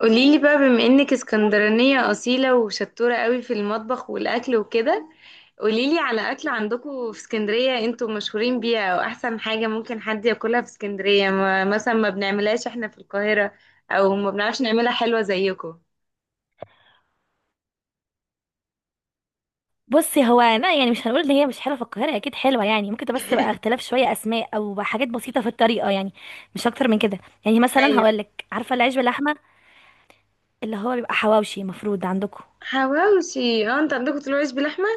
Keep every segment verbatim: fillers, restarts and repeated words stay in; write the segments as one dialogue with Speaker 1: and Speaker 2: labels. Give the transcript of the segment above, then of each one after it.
Speaker 1: قوليلي بقى بما انك اسكندرانية أصيلة وشطورة قوي في المطبخ والأكل وكده. قوليلي على أكل عندكم في اسكندرية انتوا مشهورين بيها أو أحسن حاجة ممكن حد ياكلها في اسكندرية ما مثلا ما بنعملهاش احنا في القاهرة أو ما بنعرفش نعملها حلوة زيكم.
Speaker 2: بصي، هو انا يعني مش هنقول ان هي مش حلوه في القاهره. اكيد حلوه يعني، ممكن تبقى. بس بقى اختلاف شويه اسماء او حاجات بسيطه في الطريقه يعني. مش اكتر من كده. يعني مثلا
Speaker 1: أيوه.
Speaker 2: هقول لك، عارفه العيش باللحمه؟ اللي هو بيبقى حواوشي مفروض عندكم.
Speaker 1: حواوشي، اه انت عندكم طلوع عيش بلحمة.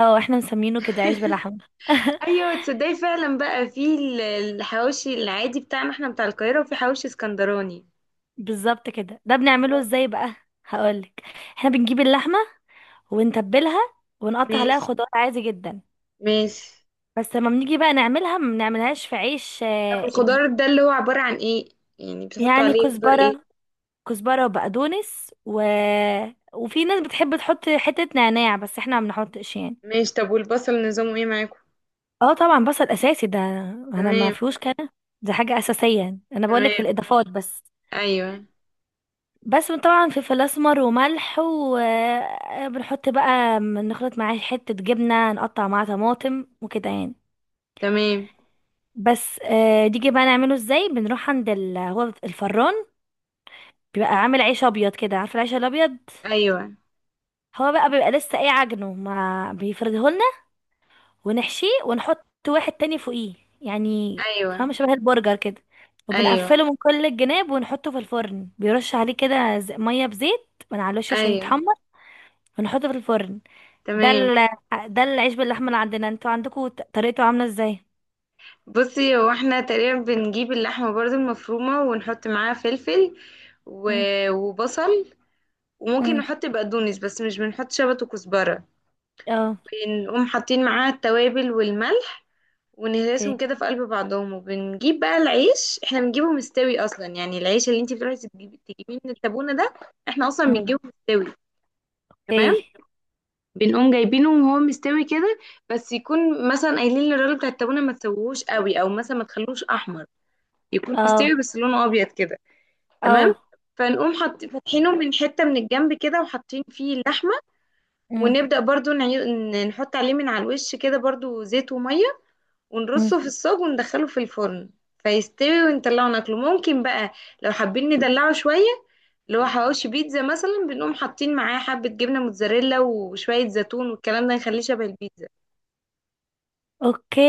Speaker 2: اه، احنا مسمينه كده عيش باللحمه.
Speaker 1: ايوه، تصدقي فعلا بقى في ال- الحواوشي العادي بتاعنا احنا بتاع القاهرة وفي حواوشي اسكندراني.
Speaker 2: بالظبط كده. ده بنعمله
Speaker 1: واو.
Speaker 2: ازاي بقى؟ هقول لك. احنا بنجيب اللحمه ونتبلها، ونقطع عليها
Speaker 1: ماشي،
Speaker 2: خضار عادي جدا.
Speaker 1: ماشي.
Speaker 2: بس لما بنيجي بقى نعملها، ما بنعملهاش في عيش.
Speaker 1: طب
Speaker 2: آه،
Speaker 1: الخضار ده اللي هو عبارة عن ايه؟ يعني بتحطوا
Speaker 2: يعني
Speaker 1: عليه خضار ايه؟
Speaker 2: كزبره كزبرة وبقدونس. و... وفي ناس بتحب تحط حتة نعناع، بس احنا ما بنحطش يعني.
Speaker 1: ماشي، طب والبصل نظامه ايه معاكم؟
Speaker 2: اه طبعا، بصل اساسي ده. انا ما
Speaker 1: تمام.
Speaker 2: فيهوش كده، ده حاجة اساسية يعني. انا بقولك
Speaker 1: تمام.
Speaker 2: الاضافات بس.
Speaker 1: ايوه.
Speaker 2: بس طبعا فلفل اسمر وملح، وبنحط بقى نخلط معاه حتة جبنة، نقطع معاه طماطم وكده يعني.
Speaker 1: تمام.
Speaker 2: بس آه، نيجي بقى نعمله ازاي. بنروح عند ال... هو الفران بيبقى عامل عيش ابيض، كده عارفه العيش الابيض.
Speaker 1: ايوه.
Speaker 2: هو بقى بيبقى لسه ايه عجنه، ما بيفرده، ونحشيه ونحط واحد تاني فوقيه. يعني
Speaker 1: ايوه.
Speaker 2: فاهمة، شبه البرجر كده.
Speaker 1: ايوه.
Speaker 2: وبنقفله من كل الجناب ونحطه في الفرن. بيرش عليه كده ز- مية بزيت من على الوش عشان
Speaker 1: ايوه.
Speaker 2: يتحمر. ونحطه في الفرن. ده
Speaker 1: تمام.
Speaker 2: ال... ده العيش باللحمة اللي عندنا. انتوا عندكوا ط- طريقته عاملة ازاي؟
Speaker 1: بصي، هو احنا تقريبا بنجيب اللحمة برضو المفرومة ونحط معاها فلفل و...
Speaker 2: مم.
Speaker 1: وبصل، وممكن
Speaker 2: مم.
Speaker 1: نحط بقدونس بس مش بنحط شبت وكزبرة،
Speaker 2: اه.
Speaker 1: ونقوم حاطين معاها التوابل والملح،
Speaker 2: اوكي.
Speaker 1: ونهرسهم كده في قلب بعضهم. وبنجيب بقى العيش، احنا بنجيبه مستوي اصلا، يعني العيش اللي انتي بتروحي تجيبي تجيبيه من التابونة ده احنا اصلا
Speaker 2: مم.
Speaker 1: بنجيبه مستوي. تمام.
Speaker 2: اوكي.
Speaker 1: بنقوم جايبينه وهو مستوي كده، بس يكون مثلا قايلين للراجل بتاع التابونة ما تسويهوش قوي، او مثلا ما تخلوش احمر، يكون
Speaker 2: اه.
Speaker 1: مستوي بس لونه ابيض كده. تمام.
Speaker 2: اه.
Speaker 1: فنقوم حط فاتحينه من حتة من الجنب كده وحاطين فيه اللحمة،
Speaker 2: مم.
Speaker 1: ونبدأ برضو نعي- نحط عليه من على الوش كده برضو زيت ومية،
Speaker 2: مم.
Speaker 1: ونرصه في الصاج وندخله في الفرن، فيستوي ونطلعه ناكله. ممكن بقى لو حابين ندلعه شوية، اللي هو حواوشي بيتزا مثلا، بنقوم حاطين معاه حبة جبنة موتزاريلا وشوية زيتون والكلام ده، نخليه شبه البيتزا.
Speaker 2: اوكي.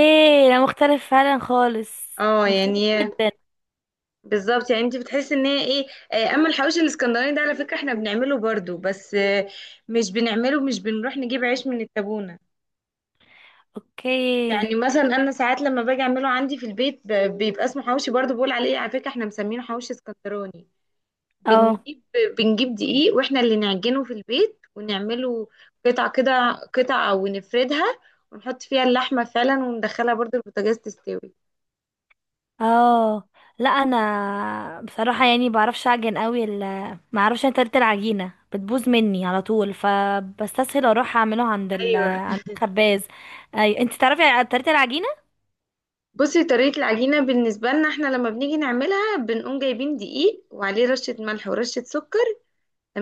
Speaker 2: ده مختلف فعلا، خالص
Speaker 1: اه،
Speaker 2: مختلف
Speaker 1: يعني
Speaker 2: جدا.
Speaker 1: بالظبط. يعني انت بتحسي ان هي ايه. آه، اما الحواوشي الاسكندراني ده، على فكرة احنا بنعمله برضو، بس آه، مش بنعمله، مش بنروح نجيب عيش من التابونة. يعني
Speaker 2: اوكي.
Speaker 1: مثلا انا ساعات لما باجي اعمله عندي في البيت ب- بيبقى اسمه حواوشي برضو، بقول عليه على فكرة احنا مسمينه حواوشي اسكندراني.
Speaker 2: اه.
Speaker 1: بنجيب بنجيب دقيق واحنا اللي نعجنه في البيت ونعمله قطع كده، قطع ونفردها ونحط فيها اللحمة فعلا، وندخلها برضو البوتاجاز تستوي.
Speaker 2: اه. لا انا بصراحه يعني بعرفش اعجن قوي ال ما اعرفش. انا طريقه العجينه بتبوظ مني على طول، فبستسهل اروح اعمله عند ال
Speaker 1: ايوه،
Speaker 2: عند الخباز. اي، انت تعرفي طريقه العجينه؟
Speaker 1: بصي طريقة العجينة بالنسبة لنا احنا لما بنيجي نعملها، بنقوم جايبين دقيق وعليه رشة ملح ورشة سكر.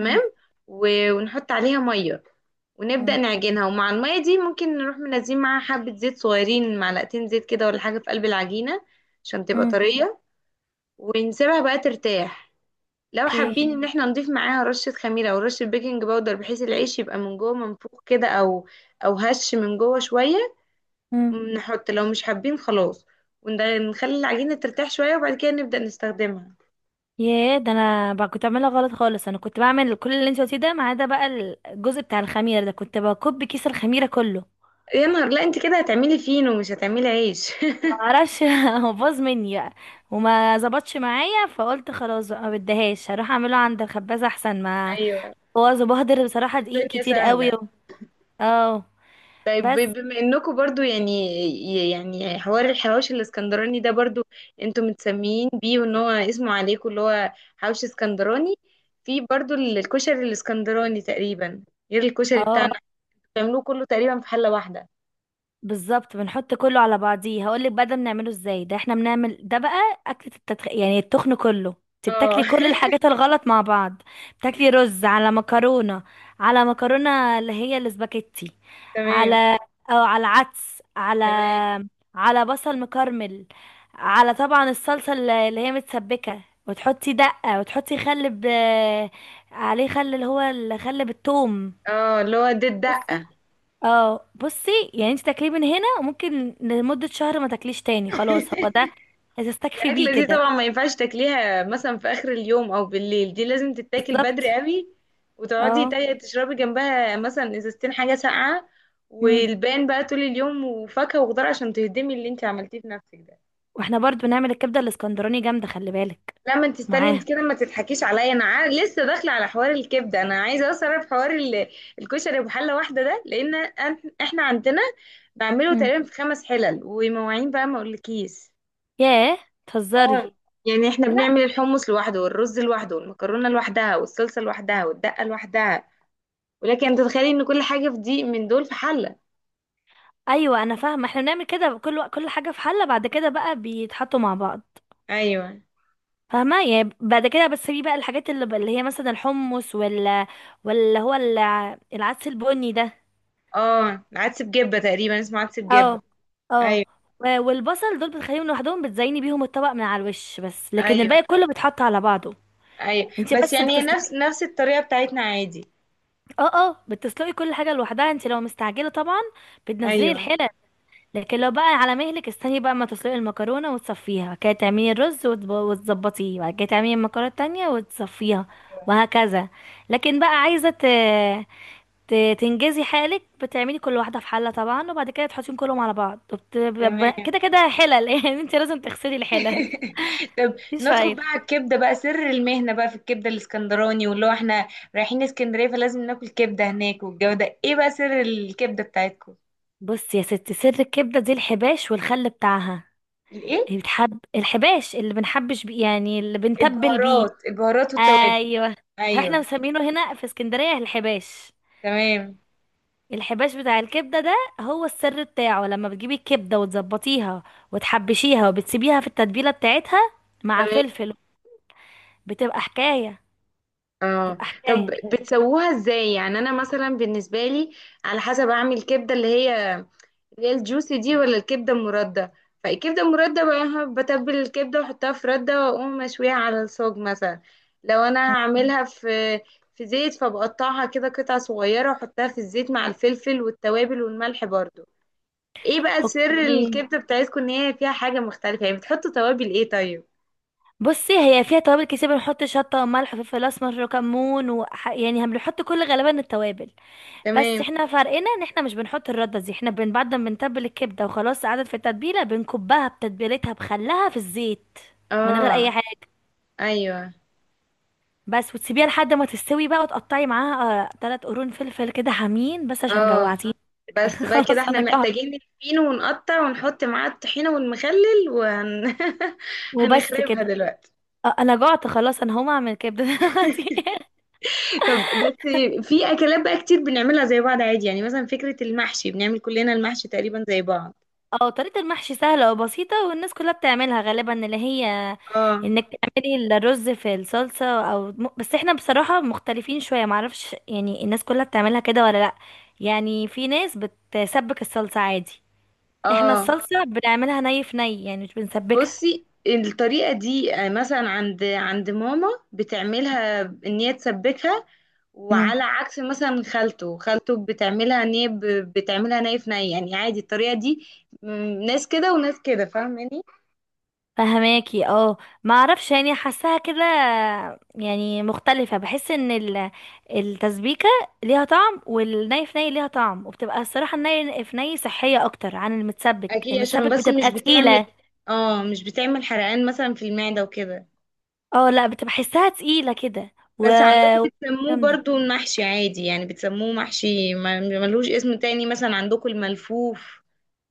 Speaker 2: مم،
Speaker 1: و- ونحط عليها مية ونبدأ
Speaker 2: مم،
Speaker 1: نعجنها، ومع المية دي ممكن نروح منزلين معاها حبة زيت صغيرين، معلقتين زيت كده ولا حاجة في قلب العجينة عشان تبقى
Speaker 2: مم،
Speaker 1: طرية، ونسيبها بقى ترتاح. لو
Speaker 2: اوكي.
Speaker 1: حابين ان احنا نضيف معاها رشة خميرة او رشة بيكنج باودر بحيث العيش يبقى من جوه منفوخ كده، او او هش من جوه شوية،
Speaker 2: مم.
Speaker 1: نحط. لو مش حابين خلاص ونخلي العجينة ترتاح شوية وبعد كده نبدأ نستخدمها.
Speaker 2: ياه، ده انا بقى كنت بعملها غلط خالص. انا كنت بعمل كل اللي انت قلتيه ده، ما عدا بقى الجزء بتاع الخميره ده، كنت بكب كيس الخميره كله.
Speaker 1: يا نهار، لا انت كده هتعملي فينو مش هتعملي عيش.
Speaker 2: معرفش هو باظ مني بقى، وما ظبطش معايا، فقلت خلاص بقى ما بديهاش، هروح اعمله عند الخبازه احسن ما
Speaker 1: ايوه.
Speaker 2: هو بهدر بصراحه دقيق
Speaker 1: الدنيا
Speaker 2: كتير قوي.
Speaker 1: سهلة.
Speaker 2: و... اه.
Speaker 1: طيب ب-
Speaker 2: بس.
Speaker 1: بما انكم برضو يعني، يعني حوار الحواوشي الاسكندراني ده برضو انتم متسميين بيه وان هو اسمه عليكم اللي هو حواوشي اسكندراني، في برضو ال- الكشري الاسكندراني تقريبا، غير الكشري
Speaker 2: اه،
Speaker 1: بتاعنا إحنا، بيعملوه كله تقريبا في حلة واحدة.
Speaker 2: بالظبط. بنحط كله على بعضيه. هقولك بقى ده بنعمله ازاي. ده احنا بنعمل ده بقى اكلة التدخ... يعني التخن كله. انت
Speaker 1: اه.
Speaker 2: بتاكلي كل الحاجات الغلط مع بعض. بتاكلي رز على مكرونة، على مكرونة اللي هي الاسباجيتي.
Speaker 1: تمام.
Speaker 2: على، او على عدس، على
Speaker 1: تمام.
Speaker 2: على بصل مكرمل، على طبعا الصلصة اللي اللي هي متسبكة. وتحطي دقة، وتحطي خل. ب... عليه خل اللي هو الخل بالثوم.
Speaker 1: اه اللي هو دي الدقة.
Speaker 2: اه. بصي يعني، انت تاكليه من هنا وممكن لمدة شهر ما تاكليش تاني، خلاص هو ده. هتستكفي بيه
Speaker 1: الأكلة دي
Speaker 2: كده.
Speaker 1: طبعا ما ينفعش تاكليها مثلا في آخر اليوم أو بالليل، دي لازم تتاكل بدري
Speaker 2: بالظبط.
Speaker 1: قوي، وتقعدي
Speaker 2: اه.
Speaker 1: تا- تشربي جنبها مثلا إزازتين حاجة ساقعة،
Speaker 2: مم.
Speaker 1: والباقي بقى طول اليوم وفاكهة وخضار عشان تهدمي اللي انت عملتيه في نفسك ده.
Speaker 2: واحنا برضو بنعمل الكبدة الاسكندراني جامدة، خلي بالك.
Speaker 1: لا، ما انت استني،
Speaker 2: معاها.
Speaker 1: انت كده ما تضحكيش عليا انا عا- لسه داخله على حوار الكبده، انا عايزه اوصل في حوار ال- الكشري بحله واحده ده، لان أن- احنا عندنا بعمله
Speaker 2: مم.
Speaker 1: تقريبا في خمس حلل ومواعين بقى ما اقولكيش.
Speaker 2: ياه.
Speaker 1: اه.
Speaker 2: تهزري.
Speaker 1: يعني احنا
Speaker 2: لا.
Speaker 1: بنعمل الحمص لوحده والرز لوحده والمكرونه لوحدها والصلصه لوحدها والدقه لوحدها، ولكن انت تتخيلي ان كل حاجه في دي من دول في حله.
Speaker 2: ايوه انا فاهمه، احنا بنعمل كده، كل وق- كل حاجه في حله، بعد كده بقى بيتحطوا مع بعض.
Speaker 1: ايوه.
Speaker 2: فاهمه يعني، بعد كده. بس في بقى الحاجات اللي, اللي هي مثلا الحمص، ولا ولا هو الع- العدس البني ده.
Speaker 1: اه، عدس بجبه تقريبا اسمه عدس بجبه.
Speaker 2: اه. اه.
Speaker 1: ايوه.
Speaker 2: و- والبصل دول بتخليهم لوحدهم، بتزيني بيهم الطبق من على الوش بس، لكن
Speaker 1: ايوه.
Speaker 2: الباقي كله بيتحط على بعضه.
Speaker 1: ايوه
Speaker 2: انت
Speaker 1: بس
Speaker 2: بس
Speaker 1: يعني هي نفس
Speaker 2: بتسلقي.
Speaker 1: نفس الطريقه بتاعتنا عادي.
Speaker 2: اه. اه بتسلقي كل حاجه لوحدها انت لو مستعجله، طبعا بتنزلي
Speaker 1: ايوه.
Speaker 2: الحله. لكن لو بقى على مهلك، استني بقى ما تسلقي المكرونه وتصفيها، بعد كده تعملي الرز وتب- وتظبطيه، بعد كده تعملي المكرونه التانية وتصفيها،
Speaker 1: ايوه.
Speaker 2: وهكذا. لكن بقى عايزه ت- ت- تنجزي حالك، بتعملي كل واحده في حله طبعا، وبعد كده تحطيهم كلهم على بعض، وبت- ب-
Speaker 1: تمام.
Speaker 2: ب- كده كده حلل يعني انت لازم تغسلي الحلل.
Speaker 1: طب
Speaker 2: مش
Speaker 1: ندخل
Speaker 2: فايده.
Speaker 1: بقى على الكبده، بقى سر المهنه بقى في الكبده الاسكندراني، واللي هو احنا رايحين اسكندريه فلازم ناكل كبده هناك والجو ده، ايه بقى سر الكبده بتاعتكم؟
Speaker 2: بصي يا ستي، سر الكبده دي الحباش والخل بتاعها.
Speaker 1: الايه؟
Speaker 2: هي بتحب الحباش، اللي بنحبش بيه يعني، اللي بنتبل بيه.
Speaker 1: البهارات، البهارات والتوابل.
Speaker 2: ايوه. احنا
Speaker 1: ايوه.
Speaker 2: مسمينه هنا في اسكندريه الحباش.
Speaker 1: تمام.
Speaker 2: الحباش بتاع الكبده ده هو السر بتاعه. لما بتجيبي الكبده وتظبطيها وتحبشيها وبتسيبيها في التتبيله بتاعتها مع
Speaker 1: تمام.
Speaker 2: فلفل، بتبقى حكايه.
Speaker 1: اه.
Speaker 2: تبقى
Speaker 1: طب
Speaker 2: حكايه.
Speaker 1: بتسووها ازاي؟ يعني انا مثلا بالنسبه لي على حسب اعمل كبده، اللي هي اللي هي الجوسي دي ولا الكبده المرده. فالكبده المرده بقى بتبل الكبده واحطها في رده واقوم مشويها على الصاج مثلا، لو انا هعملها في في زيت فبقطعها كده قطع صغيره واحطها في الزيت مع الفلفل والتوابل والملح برضو. ايه بقى سر
Speaker 2: اوكي،
Speaker 1: الكبده بتاعتكم ان هي فيها حاجه مختلفه؟ يعني بتحطوا توابل ايه طيب؟
Speaker 2: بصي هي فيها توابل كتير، بنحط شطه وملح وفلفل اسمر وكمون. وح... يعني هم بنحط كل، غالبا التوابل. بس
Speaker 1: تمام.
Speaker 2: احنا فرقنا ان احنا مش بنحط الرده دي. احنا بن... بعد ما بنتبل الكبده وخلاص قعدت في التتبيله، بنكبها بتتبيلتها، بخلها في الزيت من غير
Speaker 1: اه.
Speaker 2: اي حاجه
Speaker 1: ايوه.
Speaker 2: بس. وتسيبيها لحد ما تستوي بقى، وتقطعي معاها ثلاث قرون فلفل كده حامين، بس عشان
Speaker 1: اه.
Speaker 2: جوعتيني.
Speaker 1: بس بقى كده
Speaker 2: خلاص
Speaker 1: احنا
Speaker 2: انا جعت.
Speaker 1: محتاجين الفينو ونقطع ونحط معاه الطحينة والمخلل وهن...
Speaker 2: وبس
Speaker 1: هنخربها
Speaker 2: كده.
Speaker 1: دلوقتي.
Speaker 2: آه، انا جعت خلاص، انا هقوم اعمل كبده دلوقتي.
Speaker 1: طب بس في اكلات بقى كتير بنعملها زي بعض عادي، يعني مثلا فكرة المحشي، بنعمل كلنا المحشي تقريبا زي بعض.
Speaker 2: اه، طريقة المحشي سهلة وبسيطة، والناس كلها بتعملها غالبا، اللي هي
Speaker 1: اه.
Speaker 2: انك تعملي الرز في الصلصة. او م- بس احنا بصراحة مختلفين شوية. معرفش يعني الناس كلها بتعملها كده ولا لا. يعني في ناس بتسبك الصلصة عادي، احنا
Speaker 1: اه
Speaker 2: الصلصة بنعملها ني في ني يعني، مش بنسبكها.
Speaker 1: بصي الطريقة دي آه، مثلا عند عند ماما بتعملها ان هي تسبكها، وعلى عكس مثلا خالته خالته بتعملها ان هي ب- بتعملها ني في ني، يعني عادي الطريقه دي. م- ناس كده وناس كده، فاهماني؟
Speaker 2: فهماكي؟ اه. ما اعرفش يعني، حاساها كده، يعني مختلفة. بحس ان ال- التسبيكة ليها طعم، والني في ني ليها طعم، وبتبقى الصراحة الني في ني صحية اكتر عن المتسبك.
Speaker 1: اكيد عشان
Speaker 2: المتسبك
Speaker 1: بس مش
Speaker 2: بتبقى
Speaker 1: بتعمل،
Speaker 2: تقيلة.
Speaker 1: اه مش بتعمل حرقان مثلا في المعده وكده.
Speaker 2: اه. لا، بتبقى حسها تقيلة كده و.
Speaker 1: بس عندكم بتسموه
Speaker 2: جامدة.
Speaker 1: برضو المحشي عادي؟ يعني بتسموه محشي ما- ملوش اسم تاني مثلا عندكم الملفوف؟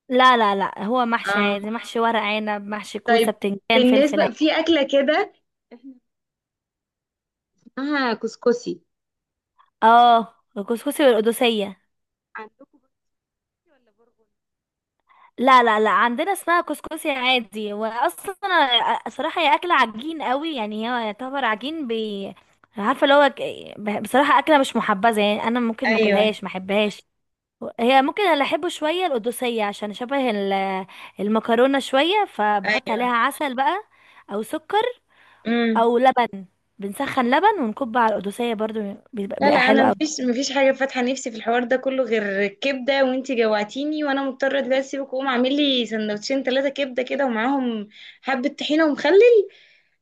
Speaker 2: لا لا لا، هو محشي
Speaker 1: اه.
Speaker 2: عادي، محشي ورق عنب، محشي كوسة،
Speaker 1: طيب،
Speaker 2: بتنجان، فلفل
Speaker 1: بالنسبه
Speaker 2: عادي.
Speaker 1: في اكله كده احنا اسمها كسكسي،
Speaker 2: اه، الكسكسي والقدوسية.
Speaker 1: عندكم بسكوتي ولا برغل؟
Speaker 2: لا لا لا، عندنا اسمها كسكسي عادي. واصلا أنا صراحه هي اكله عجين قوي، يعني هي يعتبر عجين. بي عارفه اللي هو ك- ب- بصراحه اكله مش محبذه، يعني انا ممكن ما
Speaker 1: ايوه.
Speaker 2: اكلهاش، ما احبهاش. هي ممكن اللي احبه شويه القدوسيه، عشان شبه ال- المكرونه شويه، فبحط عليها
Speaker 1: ايوه.
Speaker 2: عسل بقى، او سكر،
Speaker 1: امم.
Speaker 2: او لبن. بنسخن لبن ونكب على القدوسيه برضو، بيبقى
Speaker 1: لا،
Speaker 2: بيبقى
Speaker 1: لا،
Speaker 2: حلو
Speaker 1: انا
Speaker 2: قوي.
Speaker 1: مفيش مفيش حاجه فاتحه نفسي في الحوار ده كله غير الكبده، وانتي جوعتيني وانا مضطره دلوقتي اسيبك واقوم اعمل لي سندوتشين ثلاثه كبده كده، ومعاهم حبه طحينه ومخلل.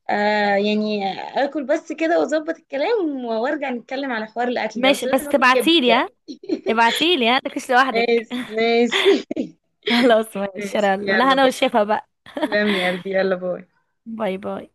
Speaker 1: آه يعني، اكل بس كده واظبط الكلام وارجع نتكلم على حوار الاكل ده، بس
Speaker 2: ماشي،
Speaker 1: لازم
Speaker 2: بس
Speaker 1: اكل كبده
Speaker 2: تبعتيلي ها.
Speaker 1: دلوقتي.
Speaker 2: ابعتيلي ها، متاكليش لوحدك.
Speaker 1: ماشي، ماشي.
Speaker 2: خلاص، ماشي
Speaker 1: ماشي
Speaker 2: يلا. لا
Speaker 1: يلا،
Speaker 2: انا
Speaker 1: باي.
Speaker 2: والشيفه بقى.
Speaker 1: سلام يا قلبي، يلا باي.
Speaker 2: باي باي.